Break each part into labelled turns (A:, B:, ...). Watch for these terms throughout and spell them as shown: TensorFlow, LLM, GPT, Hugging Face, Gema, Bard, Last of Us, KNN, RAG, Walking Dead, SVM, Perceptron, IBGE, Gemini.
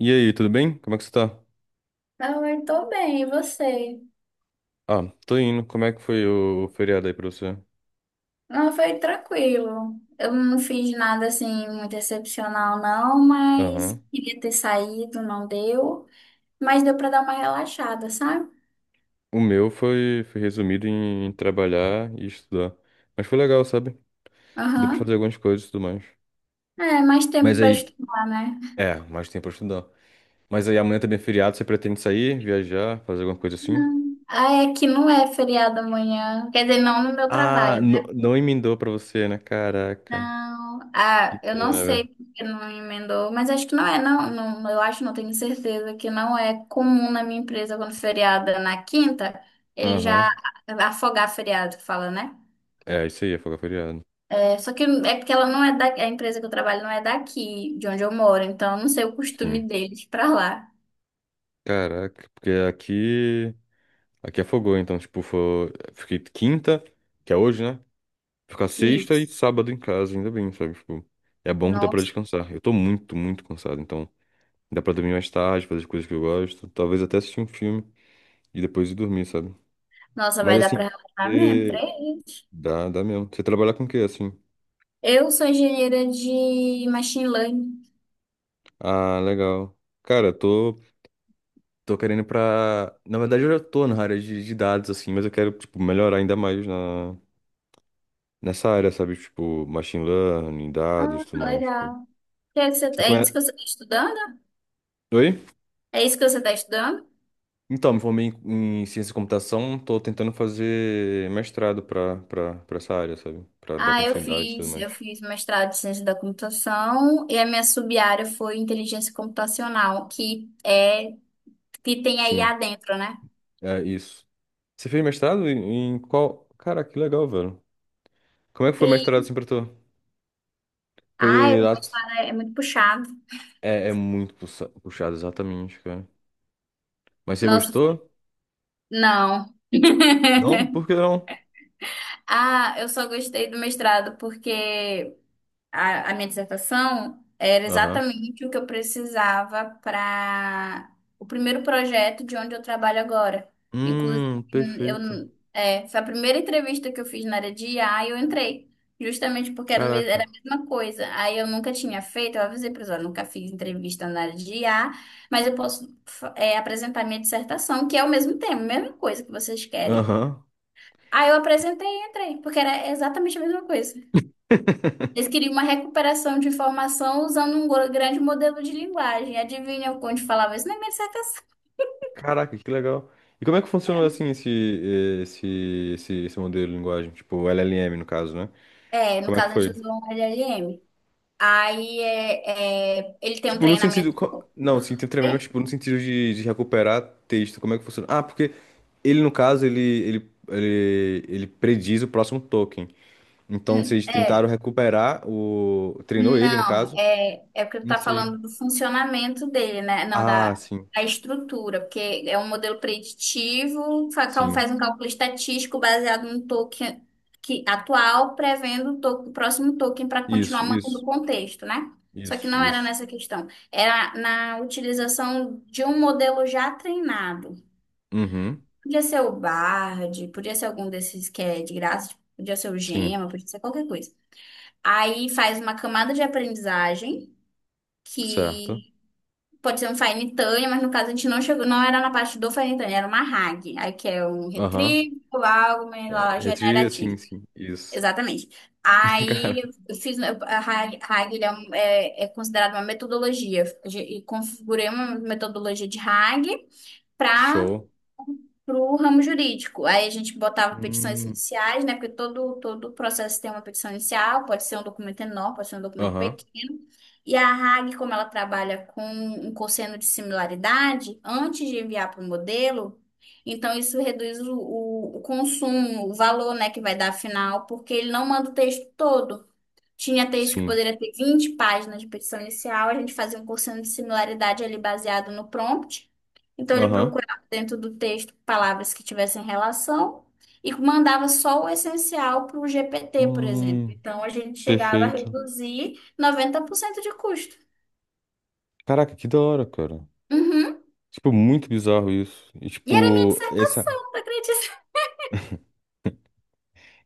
A: E aí, tudo bem? Como é que você tá?
B: Ah, eu tô bem, e você?
A: Ah, tô indo. Como é que foi o feriado aí pra você?
B: Não, foi tranquilo. Eu não fiz nada assim muito excepcional, não, mas
A: Aham.
B: queria ter saído, não deu. Mas deu pra dar uma relaxada, sabe?
A: O meu foi resumido em trabalhar e estudar. Mas foi legal, sabe? Deu pra fazer
B: Aham.
A: algumas coisas e tudo mais.
B: É, mais tempo
A: Mas
B: pra
A: aí,
B: estudar, né?
A: é, mais tempo pra estudar. Mas aí amanhã também é feriado, você pretende sair, viajar, fazer alguma coisa assim?
B: Não. Ah, é que não é feriado amanhã. Quer dizer, não no meu
A: Ah,
B: trabalho.
A: não emendou pra você, né? Caraca.
B: Não,
A: Que
B: ah, eu não
A: pena,
B: sei
A: velho.
B: porque não emendou, mas acho que não é, não, não, eu acho, não tenho certeza que não é comum na minha empresa quando feriado é na quinta, ele
A: Aham.
B: já afogar feriado, que fala, né?
A: É, isso aí, é folga feriado.
B: É, só que é porque ela não é da, a empresa que eu trabalho não é daqui, de onde eu moro, então eu não sei o
A: Sim.
B: costume deles pra lá.
A: Caraca, porque aqui. Aqui afogou, então, tipo, fiquei quinta, que é hoje, né? Ficar sexta e
B: Isso.
A: sábado em casa, ainda bem, sabe? Tipo, é bom que dá pra
B: Nossa,
A: descansar. Eu tô muito, muito cansado, então dá pra dormir mais tarde, fazer as coisas que eu gosto, talvez até assistir um filme e depois ir dormir, sabe?
B: nossa,
A: Mas
B: vai dar
A: assim,
B: pra relatar mesmo,
A: você...
B: três.
A: dá mesmo. Você trabalha com o quê, assim?
B: Eu sou engenheira de machine learning.
A: Ah, legal. Cara, eu tô querendo ir pra. Na verdade, eu já tô na área de dados, assim, mas eu quero, tipo, melhorar ainda mais nessa área, sabe? Tipo, machine learning,
B: Ah,
A: dados, tudo mais. Tipo,
B: legal. Que é que
A: Você
B: é isso
A: conhece...
B: que você está estudando?
A: Oi?
B: É isso que você está estudando?
A: Então, me formei em ciência da computação, tô tentando fazer mestrado pra essa área, sabe? Pra dar
B: Ah, eu
A: continuidade e tudo
B: fiz,
A: mais.
B: eu fiz mestrado em ciência da computação e a minha sub-área foi inteligência computacional, que é que tem a
A: Sim,
B: IA dentro, né?
A: é isso. Você fez mestrado em Cara, que legal, velho. Como é que foi o mestrado
B: E,
A: assim pra tu?
B: ai,
A: Foi
B: o
A: lá...
B: mestrado é muito puxado.
A: é muito puxado, exatamente, cara. Mas você
B: Nossa,
A: gostou?
B: não.
A: Não? Por que não?
B: Ah, eu só gostei do mestrado porque a minha dissertação era
A: Aham.
B: exatamente o que eu precisava para o primeiro projeto de onde eu trabalho agora. Inclusive, eu,
A: Perfeito.
B: foi a primeira entrevista que eu fiz na área de IA e eu entrei, justamente porque era a
A: Caraca.
B: mesma coisa. Aí eu nunca tinha feito, eu avisei para eles, nunca fiz entrevista na área de IA, mas eu posso, apresentar minha dissertação, que é o mesmo tema, a mesma coisa que vocês querem.
A: Aham.
B: Aí eu apresentei e entrei, porque era exatamente a mesma coisa. Eles queriam uma recuperação de informação usando um grande modelo de linguagem. Adivinha onde falava isso? Na minha dissertação.
A: Caraca, que legal. E como é que funcionou assim esse, esse modelo de linguagem? Tipo, LLM, no caso, né?
B: É, no
A: Como é que
B: caso, a gente
A: foi?
B: usou um LLM. Aí ele tem um
A: Tipo, no sentido.
B: treinamento,
A: Não, sim, tem treinamento,
B: né?
A: tipo, no sentido de recuperar texto. Como é que funciona? Ah, porque ele, no caso, ele prediz o próximo token. Então,
B: Hum.
A: vocês
B: É.
A: tentaram recuperar o. Treinou ele, no
B: Não,
A: caso?
B: é porque tu
A: Não
B: tá
A: sei.
B: falando do funcionamento dele, né? Não,
A: Ah,
B: da,
A: sim,
B: da estrutura, porque é um modelo preditivo, fa- cal-
A: sim.
B: faz um cálculo estatístico baseado no token atual, prevendo o próximo token para
A: Isso,
B: continuar mantendo o
A: isso,
B: contexto, né? Só que
A: isso,
B: não era
A: isso.
B: nessa questão, era na utilização de um modelo já treinado.
A: Uhum,
B: Podia ser o Bard, podia ser algum desses que é de graça, tipo, podia ser o
A: sim,
B: Gema, podia ser qualquer coisa. Aí faz uma camada de aprendizagem
A: certo.
B: que pode ser um faenitânia, mas no caso a gente não chegou, não era na parte do faenitânia, era uma RAG, aí que é um
A: Aham.
B: retrieval algo lá,
A: Assim,
B: generativo.
A: sim. Isso.
B: Exatamente.
A: Cara,
B: Aí a RAG, RAG ele é considerada uma metodologia. E configurei uma metodologia de RAG para
A: show.
B: pro ramo jurídico. Aí a gente botava petições
A: Hum,
B: iniciais, né? Porque todo processo tem uma petição inicial, pode ser um documento enorme, pode ser um documento
A: Aham.
B: pequeno. E a RAG, como ela trabalha com um cosseno de similaridade, antes de enviar para o modelo, então isso reduz o consumo, o valor, né, que vai dar final, porque ele não manda o texto todo. Tinha texto que
A: Sim.
B: poderia ter 20 páginas de petição inicial, a gente fazia um cursinho de similaridade ali baseado no prompt. Então ele
A: Aham.
B: procurava dentro do texto palavras que tivessem relação e mandava só o essencial para o GPT, por exemplo.
A: Hum,
B: Então a gente chegava a
A: perfeito.
B: reduzir 90% de custo.
A: Caraca, que da hora, cara.
B: Uhum.
A: Tipo, muito bizarro isso. E,
B: E era minha
A: tipo, essa.
B: dissertação, tu acredita?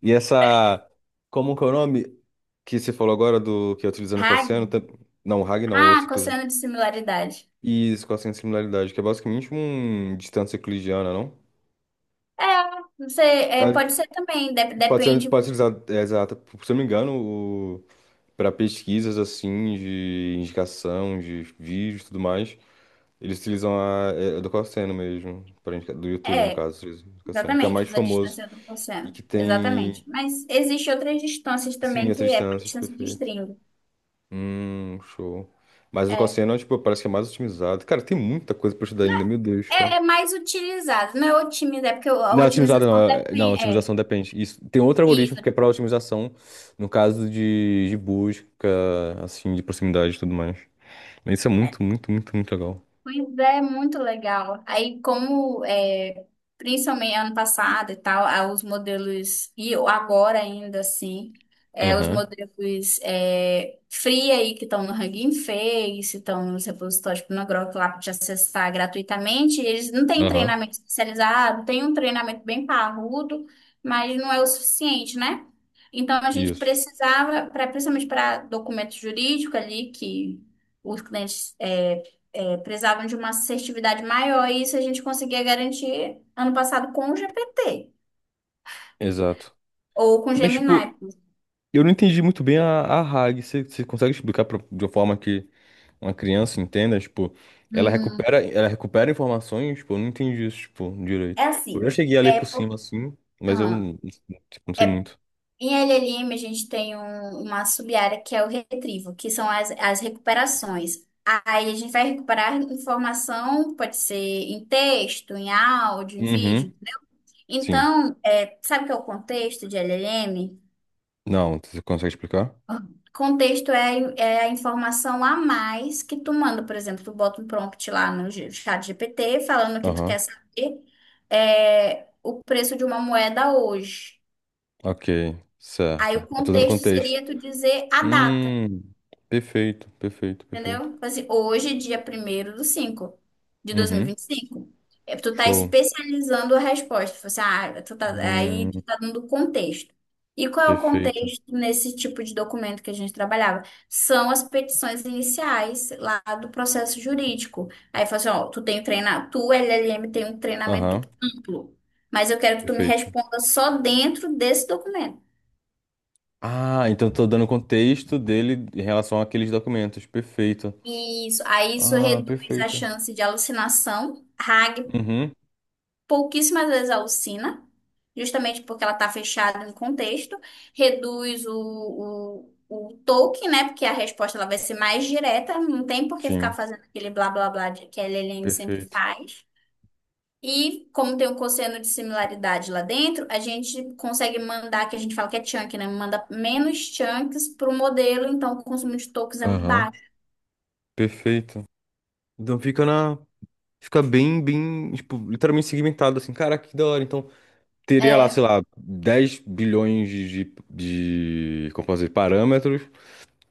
A: E essa. Como que é o nome que você falou agora do que é utilizando cosseno?
B: RAG?
A: Não, Hag não, outro.
B: Ah,
A: Inclusive.
B: cosseno de similaridade.
A: E isso, cosseno de similaridade, que é basicamente um distância euclidiana, não?
B: É, você,
A: Ah,
B: pode ser também,
A: Pode ser,
B: depende.
A: pode ser usado, é, exato. Se eu não me engano, para pesquisas assim, de indicação, de vídeos e tudo mais, eles utilizam do Cassino mesmo, do YouTube, no
B: é,
A: caso, do Cassino, que é o
B: Exatamente,
A: mais
B: usa a
A: famoso
B: distância do
A: e
B: torcendo.
A: que tem,
B: Exatamente. Mas existe outras distâncias
A: sim,
B: também que
A: essas
B: é para
A: distâncias,
B: distância de
A: perfeito.
B: string.
A: Show. Mas o
B: É,
A: Cassino, tipo, parece que é mais otimizado. Cara, tem muita coisa pra estudar
B: não
A: ainda,
B: é,
A: meu Deus.
B: é mais utilizado, não é otimizar, é porque a
A: Não, otimizada não.
B: otimização
A: Não,
B: depende. É,
A: otimização depende. Isso, tem outro algoritmo
B: isso. É.
A: que é para otimização, no caso de busca, assim, de proximidade e tudo mais. Mas isso é muito, muito, muito, muito legal.
B: Pois é, muito legal. Aí, como é, principalmente ano passado e tal, ah, os modelos, e agora ainda assim, é, os
A: Aham,
B: modelos é, free aí que estão no Hugging Face, estão nos repositórios pornográficos lá para te acessar gratuitamente, eles não têm
A: aham.
B: treinamento especializado, tem um treinamento bem parrudo, mas não é o suficiente, né? Então, a gente
A: Isso.
B: precisava, pra, principalmente para documento jurídico ali, que. Os clientes precisavam de uma assertividade maior, e isso a gente conseguia garantir ano passado com o GPT
A: Exato.
B: ou com o
A: Mas,
B: Gemini.
A: tipo, eu não entendi muito bem a RAG. Você consegue explicar de uma forma que uma criança entenda? Tipo, ela
B: Hum.
A: recupera, ela recupera informações? Tipo, eu não entendi isso, tipo,
B: É
A: direito. Eu já
B: assim,
A: cheguei a ler
B: é
A: por cima,
B: por...
A: assim, mas eu
B: Ah,
A: tipo, não sei muito.
B: em LLM a gente tem uma sub-área que é o retrivo, que são as recuperações. Aí a gente vai recuperar informação, pode ser em texto, em áudio, em
A: Uhum,
B: vídeo.
A: sim.
B: Então, sabe o que é o contexto de LLM?
A: Não, você consegue explicar?
B: Contexto é, é a informação a mais que tu manda, por exemplo, tu bota um prompt lá no chat GPT falando que tu
A: Aham,
B: quer saber o preço de uma moeda hoje.
A: ok,
B: Aí
A: certo.
B: o
A: Eu tô dando
B: contexto
A: contexto.
B: seria tu dizer a data.
A: Hum, perfeito, perfeito, perfeito.
B: Entendeu? Tipo assim, hoje, dia primeiro do 5 de dois mil e
A: Uhum,
B: vinte e cinco. É, tu tá
A: show.
B: especializando a resposta. Tipo assim, ah, tu tá, aí tu
A: Hum,
B: tá dando contexto. E qual é o
A: perfeito.
B: contexto nesse tipo de documento que a gente trabalhava? São as petições iniciais lá do processo jurídico. Aí fala assim, ó, tu tem treinar, tu, LLM, tem um treinamento
A: Aham,
B: amplo, mas eu quero que tu me
A: perfeito.
B: responda só dentro desse documento.
A: Ah, então eu tô dando contexto dele em relação àqueles documentos. Perfeito.
B: Isso, aí isso
A: Ah,
B: reduz a
A: perfeito.
B: chance de alucinação. RAG
A: Uhum,
B: pouquíssimas vezes a alcina, justamente porque ela está fechada em contexto, reduz o toque, né? Porque a resposta ela vai ser mais direta, não tem por que ficar
A: sim,
B: fazendo aquele blá blá blá que a Lelene sempre
A: perfeito.
B: faz. E como tem um cosseno de similaridade lá dentro, a gente consegue mandar, que a gente fala que é chunk, né? Manda menos chunks para o modelo, então o consumo de tokens é muito
A: Aham,
B: baixo.
A: perfeito. Então fica na. Fica bem, bem, tipo, literalmente segmentado assim. Cara, que da hora. Então. Teria lá,
B: É,
A: sei lá, 10 bilhões de, como posso dizer, parâmetros,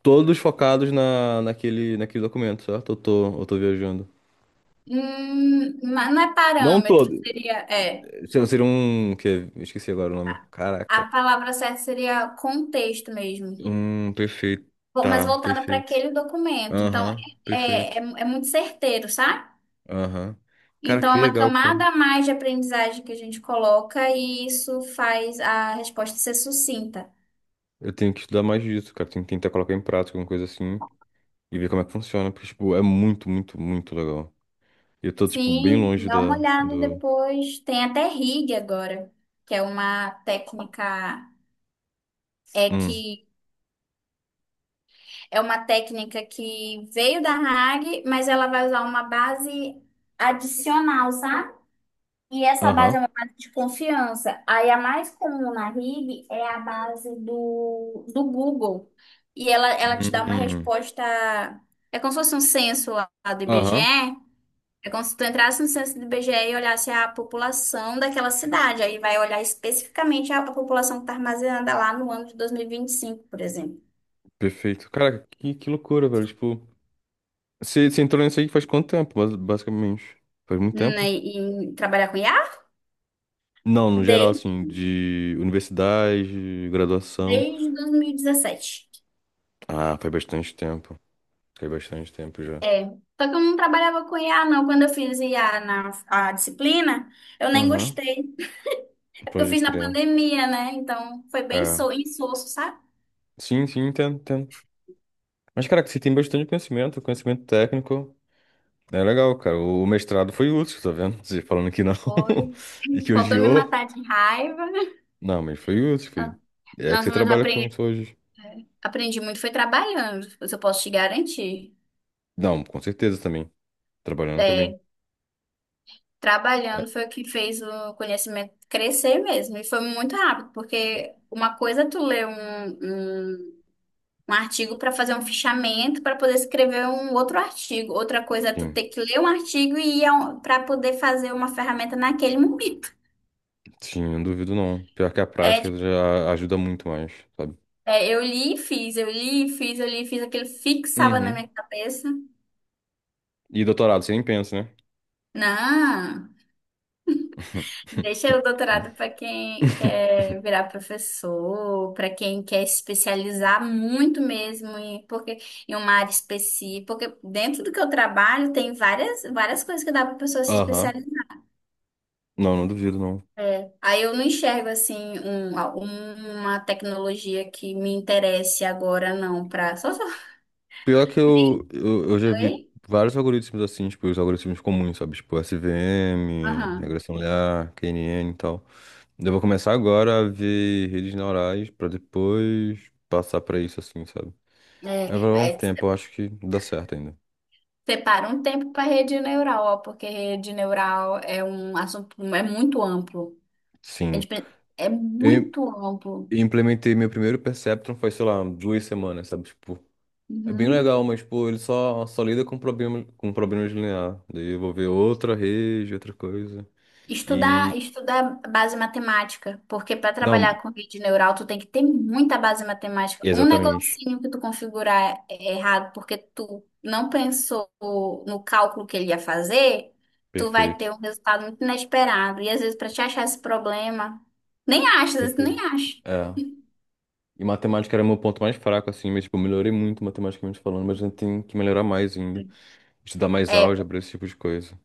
A: todos focados naquele documento, certo? Eu tô viajando.
B: mas não é
A: Não
B: parâmetro,
A: todo.
B: seria, é.
A: Seria um, que, esqueci agora o nome. Caraca.
B: A palavra certa seria contexto mesmo,
A: Um, perfeito.
B: Mas
A: Tá,
B: voltada para
A: perfeito.
B: aquele documento. Então,
A: Aham, perfeito.
B: muito certeiro, sabe?
A: Aham. Cara,
B: Então, é
A: que
B: uma
A: legal, cara.
B: camada a mais de aprendizagem que a gente coloca e isso faz a resposta ser sucinta.
A: Eu tenho que estudar mais disso, cara. Tenho que tentar colocar em prática alguma coisa assim e ver como é que funciona, porque, tipo, é muito, muito, muito legal. E eu tô, tipo, bem
B: Sim,
A: longe
B: dá
A: da,
B: uma olhada
A: do...
B: depois. Tem até RIG agora, que é uma técnica. É
A: Hum.
B: que é uma técnica que veio da RAG, mas ela vai usar uma base adicional, sabe? E essa
A: Aham.
B: base é uma base de confiança. Aí a mais comum na RIB é a base do Google. E ela te dá uma
A: Hum.
B: resposta. É como se fosse um censo lá do IBGE.
A: Aham,
B: É como se tu entrasse no censo do IBGE e olhasse a população daquela cidade. Aí vai olhar especificamente a, população que está armazenada lá no ano de dois mil e vinte e cinco, por exemplo.
A: perfeito. Cara, que loucura, velho. Tipo, você entrou nisso aí faz quanto tempo, basicamente? Faz muito tempo?
B: Né, e trabalhar com IA
A: Não, no geral,
B: desde,
A: assim, de universidade, graduação.
B: desde 2017.
A: Ah, faz bastante tempo. Faz bastante tempo já.
B: É, só que eu não trabalhava com IA, não. Quando eu fiz IA na a disciplina, eu nem
A: Aham,
B: gostei. É porque eu
A: pode
B: fiz na
A: crer.
B: pandemia, né? Então foi bem
A: É.
B: insosso, sabe?
A: Sim, sim, entendo, entendo. Mas, cara, que você tem bastante conhecimento, conhecimento técnico. É legal, cara. O mestrado foi útil, tá vendo? Você falando que não
B: Foi.
A: e que
B: Faltou me
A: odiou.
B: matar de raiva.
A: Não, mas foi útil. É que
B: Nós
A: você
B: vamos
A: trabalha com
B: apre
A: isso hoje.
B: aprendi muito, foi trabalhando, isso eu posso te garantir.
A: Não, com certeza também. Trabalhando também.
B: É,
A: É,
B: trabalhando foi o que fez o conhecimento crescer mesmo. E foi muito rápido, porque uma coisa é tu ler um Um artigo para fazer um fichamento para poder escrever um outro artigo. Outra coisa é tu
A: sim,
B: ter que ler um artigo e ir para poder fazer uma ferramenta naquele momento.
A: sim, não duvido não. Pior que a
B: É,
A: prática
B: tipo,
A: já ajuda muito mais, sabe?
B: é, eu li e fiz, eu li e fiz, eu li e fiz, aquilo fixava na
A: Uhum.
B: minha cabeça.
A: E doutorado, você nem pensa, né?
B: Não, deixa o doutorado para quem quer virar professor, para quem quer especializar muito mesmo em, porque, em uma área específica. Porque dentro do que eu trabalho tem várias, várias coisas que dá para pessoa se
A: Aham.
B: especializar.
A: Não, não duvido não.
B: É. Aí eu não enxergo assim uma tecnologia que me interesse agora não para só se eu.
A: Pior que eu já vi vários algoritmos assim, tipo, os algoritmos comuns, sabe? Tipo, SVM,
B: Aham.
A: regressão linear, KNN e tal. Eu vou começar agora a ver redes neurais pra depois passar pra isso assim, sabe? Mas
B: É,
A: vai levar um
B: é,
A: tempo, eu acho que dá certo ainda.
B: separa um tempo para rede neural, ó, porque rede neural é um assunto é muito amplo. A
A: Sim,
B: gente, é
A: eu
B: muito amplo.
A: implementei meu primeiro Perceptron faz, sei lá, 2 semanas, sabe? Tipo, é bem
B: Uhum.
A: legal, mas, pô, ele só lida com problemas lineares. Daí eu vou ver outra rede, outra coisa.
B: Estudar,
A: E.
B: estudar base matemática, porque para
A: Não,
B: trabalhar com rede neural tu tem que ter muita base matemática. Um
A: exatamente.
B: negocinho que tu configurar é errado porque tu não pensou no cálculo que ele ia fazer, tu vai
A: Perfeito.
B: ter um resultado muito inesperado. E às vezes para te achar esse problema, nem acha, às vezes tu nem
A: Perfeito.
B: acha.
A: É. E matemática era meu ponto mais fraco, assim, mas, tipo, eu melhorei muito matematicamente falando, mas ainda tem que melhorar mais ainda. Estudar mais
B: É,
A: álgebra, esse tipo de coisa.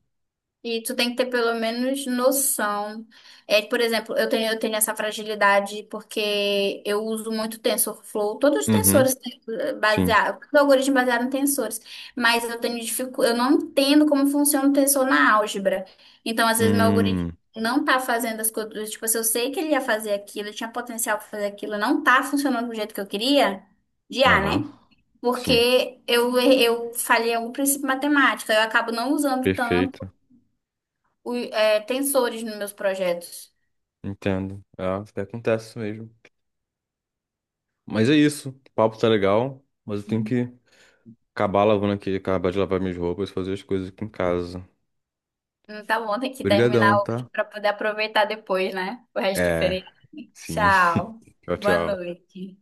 B: e tu tem que ter pelo menos noção. É, por exemplo, eu tenho essa fragilidade porque eu uso muito TensorFlow. Todos os
A: Uhum,
B: tensores têm,
A: sim.
B: baseado, os algoritmos baseados em tensores, mas eu não entendo como funciona o tensor na álgebra. Então, às vezes meu algoritmo
A: Hum,
B: não tá fazendo as coisas, tipo, se eu sei que ele ia fazer aquilo, ele tinha potencial para fazer aquilo, não tá funcionando do jeito que eu queria, de A,
A: aham,
B: né?
A: sim.
B: Porque eu falhei algum princípio matemático, eu acabo não usando tanto
A: Perfeito.
B: tensores nos meus projetos.
A: Entendo. É, isso que acontece mesmo. Mas é isso. O papo tá legal, mas eu tenho que acabar lavando aqui, acabar de lavar minhas roupas, fazer as coisas aqui em casa.
B: Então, vão ter que terminar
A: Obrigadão,
B: hoje
A: tá?
B: para poder aproveitar depois, né? O resto do
A: É,
B: feriado.
A: sim.
B: Tchau.
A: Tchau,
B: Boa
A: tchau.
B: noite.